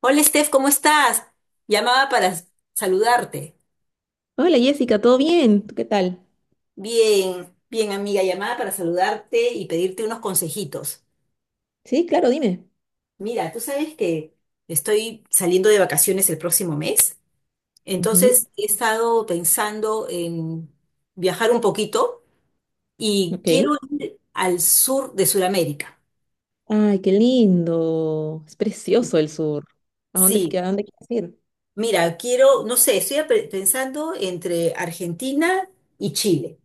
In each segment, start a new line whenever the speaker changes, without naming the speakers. Hola Steph, ¿cómo estás? Llamaba para saludarte.
Hola Jessica, ¿todo bien? ¿Tú qué tal?
Bien, bien amiga, llamaba para saludarte y pedirte unos consejitos.
Sí, claro, dime.
Mira, tú sabes que estoy saliendo de vacaciones el próximo mes,
Ujú,
entonces he estado pensando en viajar un poquito y quiero
ok.
ir al sur de Sudamérica.
Ay, qué lindo. Es precioso el sur. ¿A dónde,
Sí,
a dónde quieres ir?
mira, quiero, no sé, pensando entre Argentina y Chile.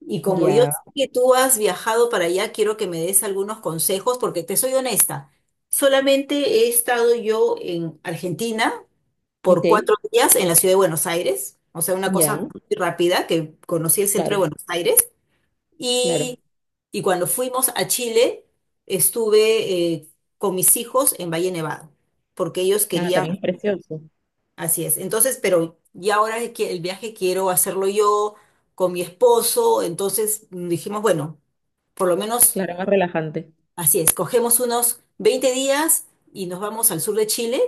Y como yo
Ya,
sé que tú has viajado para allá, quiero que me des algunos consejos, porque te soy honesta. Solamente he estado yo en Argentina por
ok.
4 días en la ciudad de Buenos Aires, o sea, una cosa
Ya,
muy rápida, que conocí el centro de
claro,
Buenos Aires.
claro.
Y, y cuando fuimos a Chile, estuve con mis hijos en Valle Nevado, porque ellos
Ah,
querían,
también es precioso.
así es. Entonces, pero ya ahora que el viaje quiero hacerlo yo con mi esposo, entonces dijimos, bueno, por lo menos,
Claro, más relajante.
así es, cogemos unos 20 días y nos vamos al sur de Chile,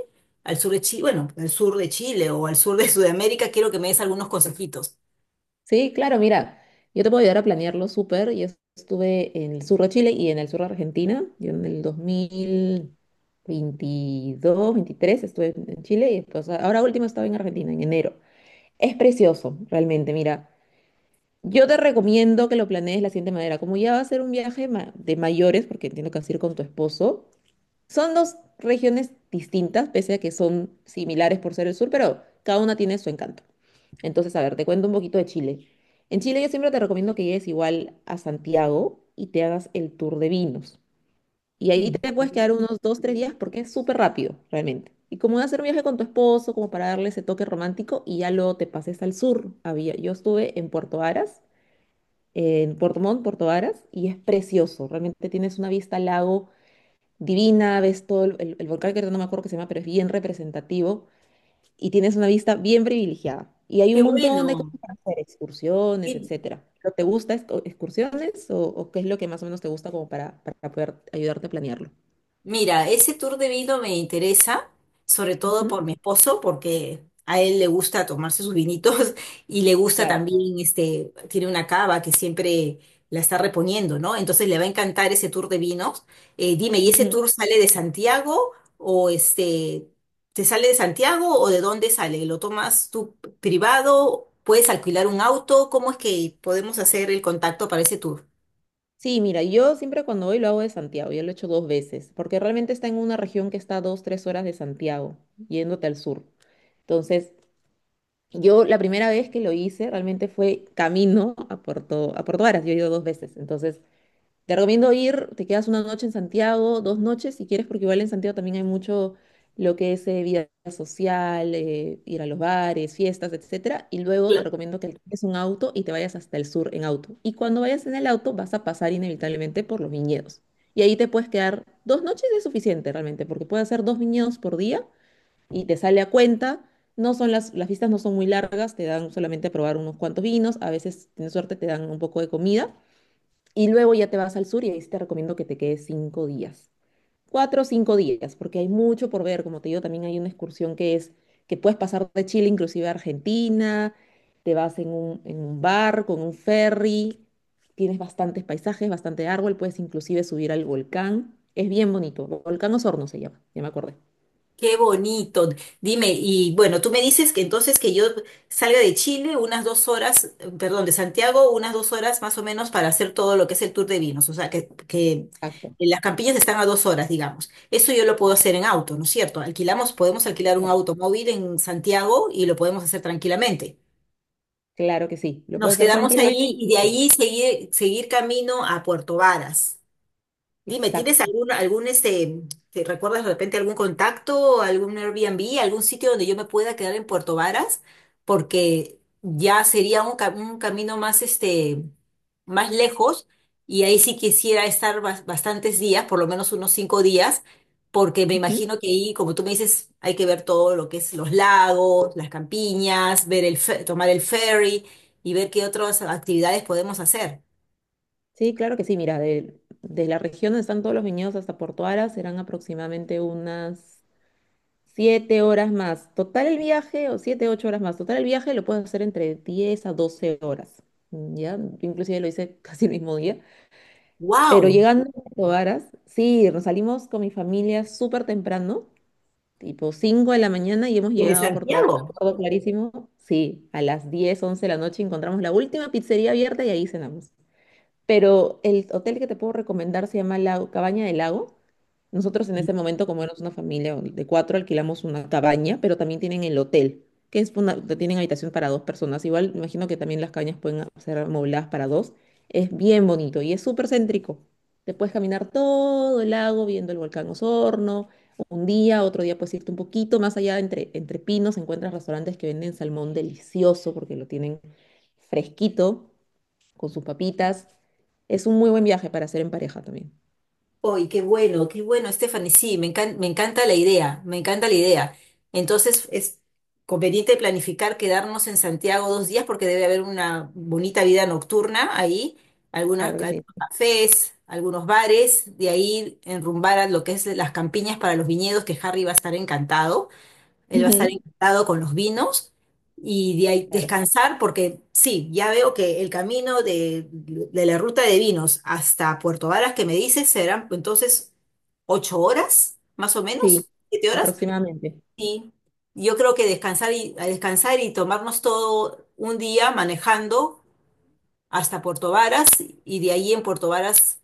al sur de Chile, bueno, al sur de Chile o al sur de Sudamérica, quiero que me des algunos consejitos.
Sí, claro, mira, yo te puedo ayudar a planearlo súper. Yo estuve en el sur de Chile y en el sur de Argentina. Yo en el 2022, 2023 estuve en Chile y después, ahora último estaba en Argentina, en enero. Es precioso, realmente, mira. Yo te recomiendo que lo planees de la siguiente manera. Como ya va a ser un viaje de mayores, porque entiendo que vas a ir con tu esposo, son dos regiones distintas, pese a que son similares por ser el sur, pero cada una tiene su encanto. Entonces, a ver, te cuento un poquito de Chile. En Chile yo siempre te recomiendo que llegues igual a Santiago y te hagas el tour de vinos. Y ahí
Mm.
te puedes quedar unos 2, 3 días porque es súper rápido, realmente. Y como va a ser un viaje con tu esposo, como para darle ese toque romántico, y ya luego te pases al sur. Yo estuve en Puerto Varas en Puerto Montt, Puerto Varas y es precioso. Realmente tienes una vista al lago divina, ves todo el volcán que ahorita no me acuerdo que se llama, pero es bien representativo y tienes una vista bien privilegiada. Y hay
Qué
un montón de cosas
bueno,
para hacer, excursiones,
qué
etcétera. ¿Pero excursiones o qué es lo que más o menos te gusta como para poder ayudarte a planearlo?
Mira, ese tour de vino me interesa, sobre todo
Ujú.
por mi esposo, porque a él le gusta tomarse sus vinitos y le gusta
Claro.
también, este, tiene una cava que siempre la está reponiendo, ¿no? Entonces le va a encantar ese tour de vinos. Dime, ¿y ese
Ujú.
tour sale de Santiago o te sale de Santiago o de dónde sale? ¿Lo tomas tú privado? ¿Puedes alquilar un auto? ¿Cómo es que podemos hacer el contacto para ese tour?
Sí, mira, yo siempre cuando voy lo hago de Santiago, yo lo he hecho dos veces, porque realmente está en una región que está a 2, 3 horas de Santiago, yéndote al sur. Entonces, yo la primera vez que lo hice realmente fue camino a a Puerto Varas. Yo he ido dos veces. Entonces, te recomiendo ir, te quedas una noche en Santiago, 2 noches si quieres, porque igual en Santiago también hay mucho lo que es vida social, ir a los bares, fiestas, etcétera. Y luego te recomiendo que alquiles un auto y te vayas hasta el sur en auto. Y cuando vayas en el auto vas a pasar inevitablemente por los viñedos. Y ahí te puedes quedar 2 noches es suficiente realmente, porque puedes hacer dos viñedos por día y te sale a cuenta. No son las fiestas no son muy largas, te dan solamente a probar unos cuantos vinos, a veces, si tienes suerte, te dan un poco de comida y luego ya te vas al sur y ahí sí te recomiendo que te quedes 5 días. 4 o 5 días, porque hay mucho por ver, como te digo, también hay una excursión que es que puedes pasar de Chile inclusive a Argentina, te vas en un bar, con un ferry, tienes bastantes paisajes, bastante árbol, puedes inclusive subir al volcán, es bien bonito, Volcán Osorno se llama, ya me acordé.
Qué bonito. Dime, y bueno, tú me dices que entonces que yo salga de Chile unas 2 horas, perdón, de Santiago, unas 2 horas más o menos para hacer todo lo que es el tour de vinos. O sea, que
Exacto.
las campiñas están a 2 horas, digamos. Eso yo lo puedo hacer en auto, ¿no es cierto? Alquilamos, podemos alquilar un
Claro.
automóvil en Santiago y lo podemos hacer tranquilamente.
Claro que sí, lo
Nos
puedes hacer
quedamos
tranquilamente.
ahí y de ahí seguir, seguir camino a Puerto Varas. Dime, ¿tienes
Exacto.
algún, te recuerdas de repente algún contacto, algún Airbnb, algún sitio donde yo me pueda quedar en Puerto Varas? Porque ya sería un camino más, este, más lejos y ahí sí quisiera estar bastantes días, por lo menos unos 5 días, porque me
Ujú.
imagino que ahí, como tú me dices, hay que ver todo lo que es los lagos, las campiñas, ver tomar el ferry y ver qué otras actividades podemos hacer.
Sí, claro que sí. Mira, de la región donde están todos los viñedos hasta Porto Ara serán aproximadamente unas 7 horas más. Total el viaje, o 7, 8 horas más. Total el viaje lo puedes hacer entre 10 a 12 horas. ¿Ya? Yo inclusive lo hice casi el mismo día. Pero
¡Wow!
llegando a Porto Aras, sí, nos salimos con mi familia súper temprano. Tipo 5 de la mañana y hemos
¿Desde
llegado a Porto Ara, me
Santiago?
acuerdo clarísimo. Sí, a las 10, 11 de la noche encontramos la última pizzería abierta y ahí cenamos. Pero el hotel que te puedo recomendar se llama La Cabaña del Lago. Nosotros en ese momento, como éramos una familia de cuatro, alquilamos una cabaña, pero también tienen el hotel, que es una, tienen habitación para dos personas. Igual, me imagino que también las cabañas pueden ser amobladas para dos. Es bien bonito y es súper céntrico. Te puedes caminar todo el lago viendo el volcán Osorno. Un día, otro día puedes irte un poquito más allá, entre pinos, encuentras restaurantes que venden salmón delicioso porque lo tienen fresquito, con sus papitas. Es un muy buen viaje para hacer en pareja también.
Uy, qué bueno, Stephanie. Sí, me encanta la idea, me encanta la idea. Entonces, es conveniente planificar quedarnos en Santiago 2 días porque debe haber una bonita vida nocturna ahí, algunas,
Claro que sí.
algunos cafés, algunos bares, de ahí enrumbar a lo que es las campiñas para los viñedos, que Harry va a estar encantado. Él va a estar
Ujú.
encantado con los vinos y de ahí
Claro.
descansar porque sí, ya veo que el camino de la ruta de vinos hasta Puerto Varas que me dices serán entonces 8 horas, más o
Sí,
menos, 7 horas.
aproximadamente.
Y yo creo que descansar y, a descansar y tomarnos todo un día manejando hasta Puerto Varas y de ahí en Puerto Varas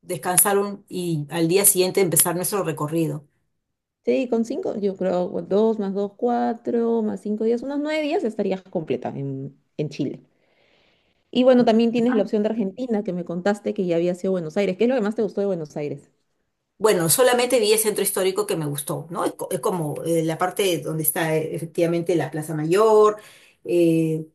y al día siguiente empezar nuestro recorrido.
Sí, con cinco, yo creo, o 2 más 2, 4, más 5 días, unos 9 días estarías completa en Chile. Y bueno, también tienes la opción de Argentina, que me contaste que ya había sido Buenos Aires. ¿Qué es lo que más te gustó de Buenos Aires?
Bueno, solamente vi el centro histórico que me gustó, ¿no? Es, es como la parte donde está efectivamente la Plaza Mayor, eh,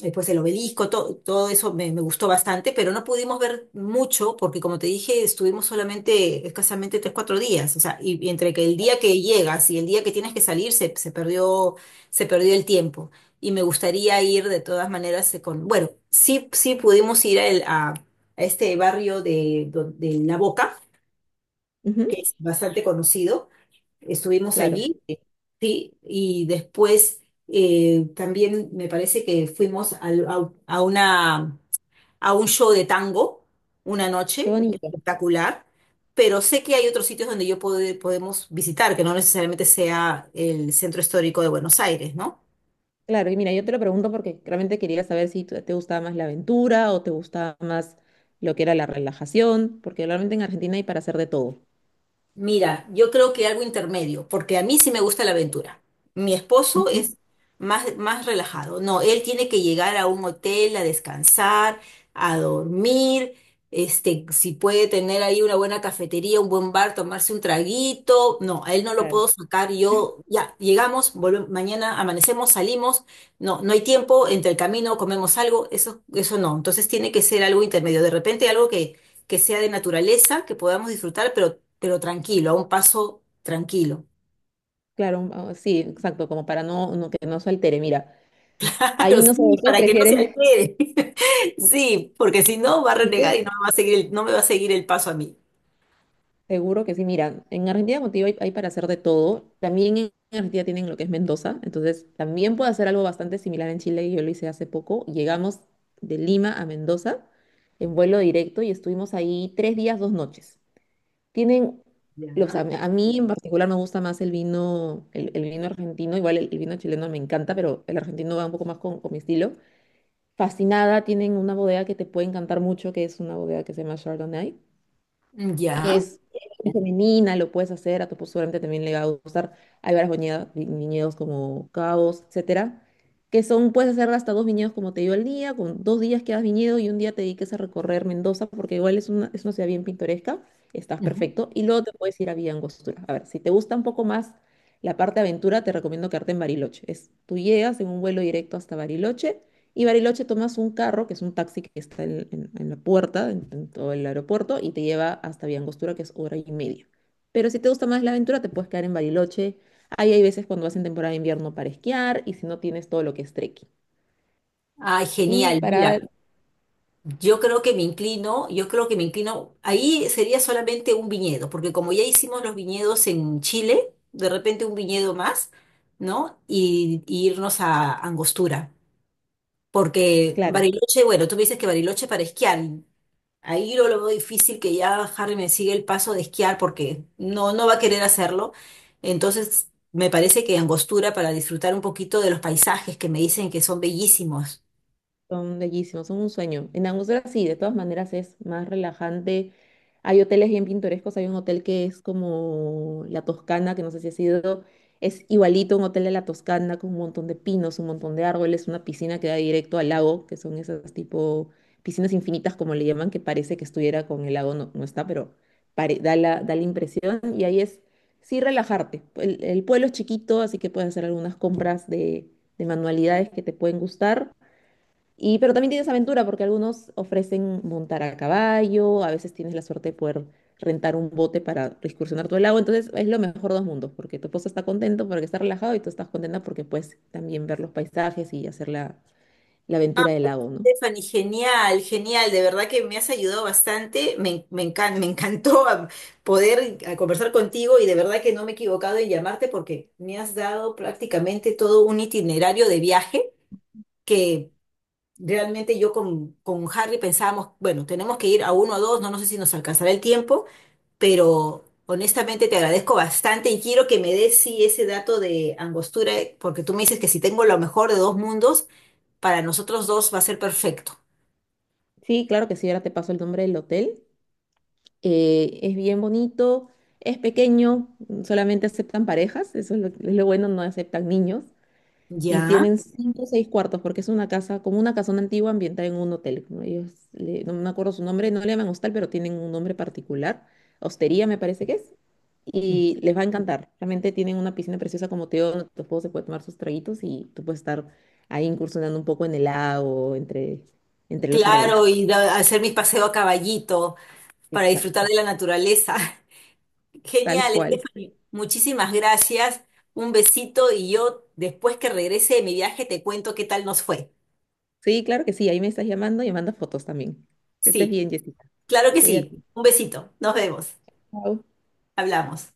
después el obelisco, todo eso me, me gustó bastante, pero no pudimos ver mucho porque, como te dije, estuvimos solamente escasamente 3, 4 días, o sea, y entre que el día que llegas y el día que tienes que salir se, se perdió el tiempo. Y me gustaría ir de todas maneras con, bueno, sí, sí pudimos ir a este barrio de La Boca
Ujú,
que es bastante conocido. Estuvimos
claro,
allí,
sí.
sí, y después también me parece que a una, a un show de tango una
Qué
noche,
bonito.
espectacular, pero sé que hay otros sitios donde yo podemos visitar, que no necesariamente sea el centro histórico de Buenos Aires, ¿no?
Claro, y mira, yo te lo pregunto porque realmente quería saber si te gustaba más la aventura o te gustaba más lo que era la relajación, porque realmente en Argentina hay para hacer de todo.
Mira, yo creo que algo intermedio, porque a mí sí me gusta la aventura. Mi esposo es
Ujú.
más, más relajado. No, él tiene que llegar a un hotel a descansar, a dormir, este, si puede tener ahí una buena cafetería, un buen bar, tomarse un traguito. No, a él no lo
Claro.
puedo sacar. Yo, ya, llegamos, volvemos, mañana amanecemos, salimos. No, no hay tiempo, entre el camino comemos algo, eso no. Entonces tiene que ser algo intermedio. De repente algo que sea de naturaleza, que podamos disfrutar, pero tranquilo, a un paso tranquilo.
Claro, ah, sí, exacto, como para no, que no se altere. Mira,
Claro,
ahí no sé,
sí,
ustedes
para que no se
prefieren.
altere. Sí, porque si no va a renegar y
¿Viste?
no me va a seguir no me va a seguir el paso a mí.
Seguro que sí, mira, en Argentina contigo hay para hacer de todo. También en Argentina tienen lo que es Mendoza, entonces también puedo hacer algo bastante similar en Chile, yo lo hice hace poco. Llegamos de Lima a Mendoza en vuelo directo y estuvimos ahí 3 días, 2 noches. Tienen, los,
Ya.
a mí en particular me gusta más el vino, el vino argentino, igual el vino chileno me encanta, pero el argentino va un poco más con mi estilo. Fascinada. Tienen una bodega que te puede encantar mucho, que es una bodega que se llama Chardonnay, que
Ya.
es femenina, lo puedes hacer, a tu esposo seguramente también le va a gustar. Hay varios viñedos, viñedos como Cabos, etcétera, que son, puedes hacer hasta dos viñedos, como te digo, al día, con dos días que hagas viñedo y un día te dediques a recorrer Mendoza, porque igual es una ciudad bien pintoresca, estás
Ujú.
perfecto, y luego te puedes ir a Villa Angostura. A ver, si te gusta un poco más la parte aventura, te recomiendo quedarte en Bariloche. Es, tú llegas en un vuelo directo hasta Bariloche, y Bariloche tomas un carro, que es un taxi que está en la puerta, en todo el aeropuerto, y te lleva hasta Villangostura, que es hora y media. Pero si te gusta más la aventura, te puedes quedar en Bariloche. Ahí hay veces cuando vas en temporada de invierno para esquiar, y si no tienes todo lo que es trekking.
Ay,
Y
genial.
para,
Mira, yo creo que me inclino, yo creo que me inclino, ahí sería solamente un viñedo, porque como ya hicimos los viñedos en Chile, de repente un viñedo más, ¿no? Y irnos a Angostura. Porque
claro.
Bariloche, bueno, tú me dices que Bariloche es para esquiar. Ahí yo lo veo difícil que ya Harry me siga el paso de esquiar porque no, no va a querer hacerlo. Entonces, me parece que Angostura para disfrutar un poquito de los paisajes que me dicen que son bellísimos.
Son bellísimos, son un sueño. En Angostura sí, de todas maneras es más relajante. Hay hoteles bien pintorescos, hay un hotel que es como La Toscana, que no sé si ha sido, es igualito a un hotel de La Toscana con un montón de pinos, un montón de árboles, una piscina que da directo al lago, que son esas tipo piscinas infinitas como le llaman, que parece que estuviera con el lago, no, no está, pero da la impresión y ahí es sí relajarte. El pueblo es chiquito, así que puedes hacer algunas compras de manualidades que te pueden gustar. Y, pero también tienes aventura porque algunos ofrecen montar a caballo, a veces tienes la suerte de poder rentar un bote para excursionar todo el lago, entonces es lo mejor de dos mundos, porque tu esposo está contento porque está relajado y tú estás contenta porque puedes también ver los paisajes y hacer la aventura del lago, ¿no?
Stephanie, genial, genial, de verdad que me has ayudado bastante, me, me encantó poder a conversar contigo y de verdad que no me he equivocado en llamarte porque me has dado prácticamente todo un itinerario de viaje que Realmente yo con Harry pensábamos, bueno, tenemos que ir a uno o dos, no, no sé si nos alcanzará el tiempo, pero honestamente te agradezco bastante y quiero que me des sí ese dato de Angostura, porque tú me dices que si tengo lo mejor de dos mundos, para nosotros dos va a ser perfecto.
Sí, claro que sí, ahora te paso el nombre del hotel. Es bien bonito, es pequeño, solamente aceptan parejas, eso es lo bueno, no aceptan niños. Y
Ya,
tienen cinco o seis cuartos, porque es una casa, como una casona antigua ambientada en un hotel. ¿No? Ellos, no me acuerdo su nombre, no le llaman hostal, pero tienen un nombre particular. Hostería me parece que es. Y les va a encantar. Realmente tienen una piscina preciosa como te digo, donde tu esposo se puede tomar sus traguitos y tú puedes estar ahí incursionando un poco en el lago, entre los
claro,
árboles.
hacer mi paseo a caballito para
Exacto.
disfrutar de la naturaleza.
Tal
Genial,
cual.
Stephanie. Muchísimas gracias. Un besito y yo después que regrese de mi viaje te cuento qué tal nos fue.
Sí, claro que sí. Ahí me estás llamando y me mandas fotos también. Que estés
Sí.
bien, Jessica.
Claro que
Cuídate.
sí. Un besito. Nos vemos.
Chao.
Hablamos.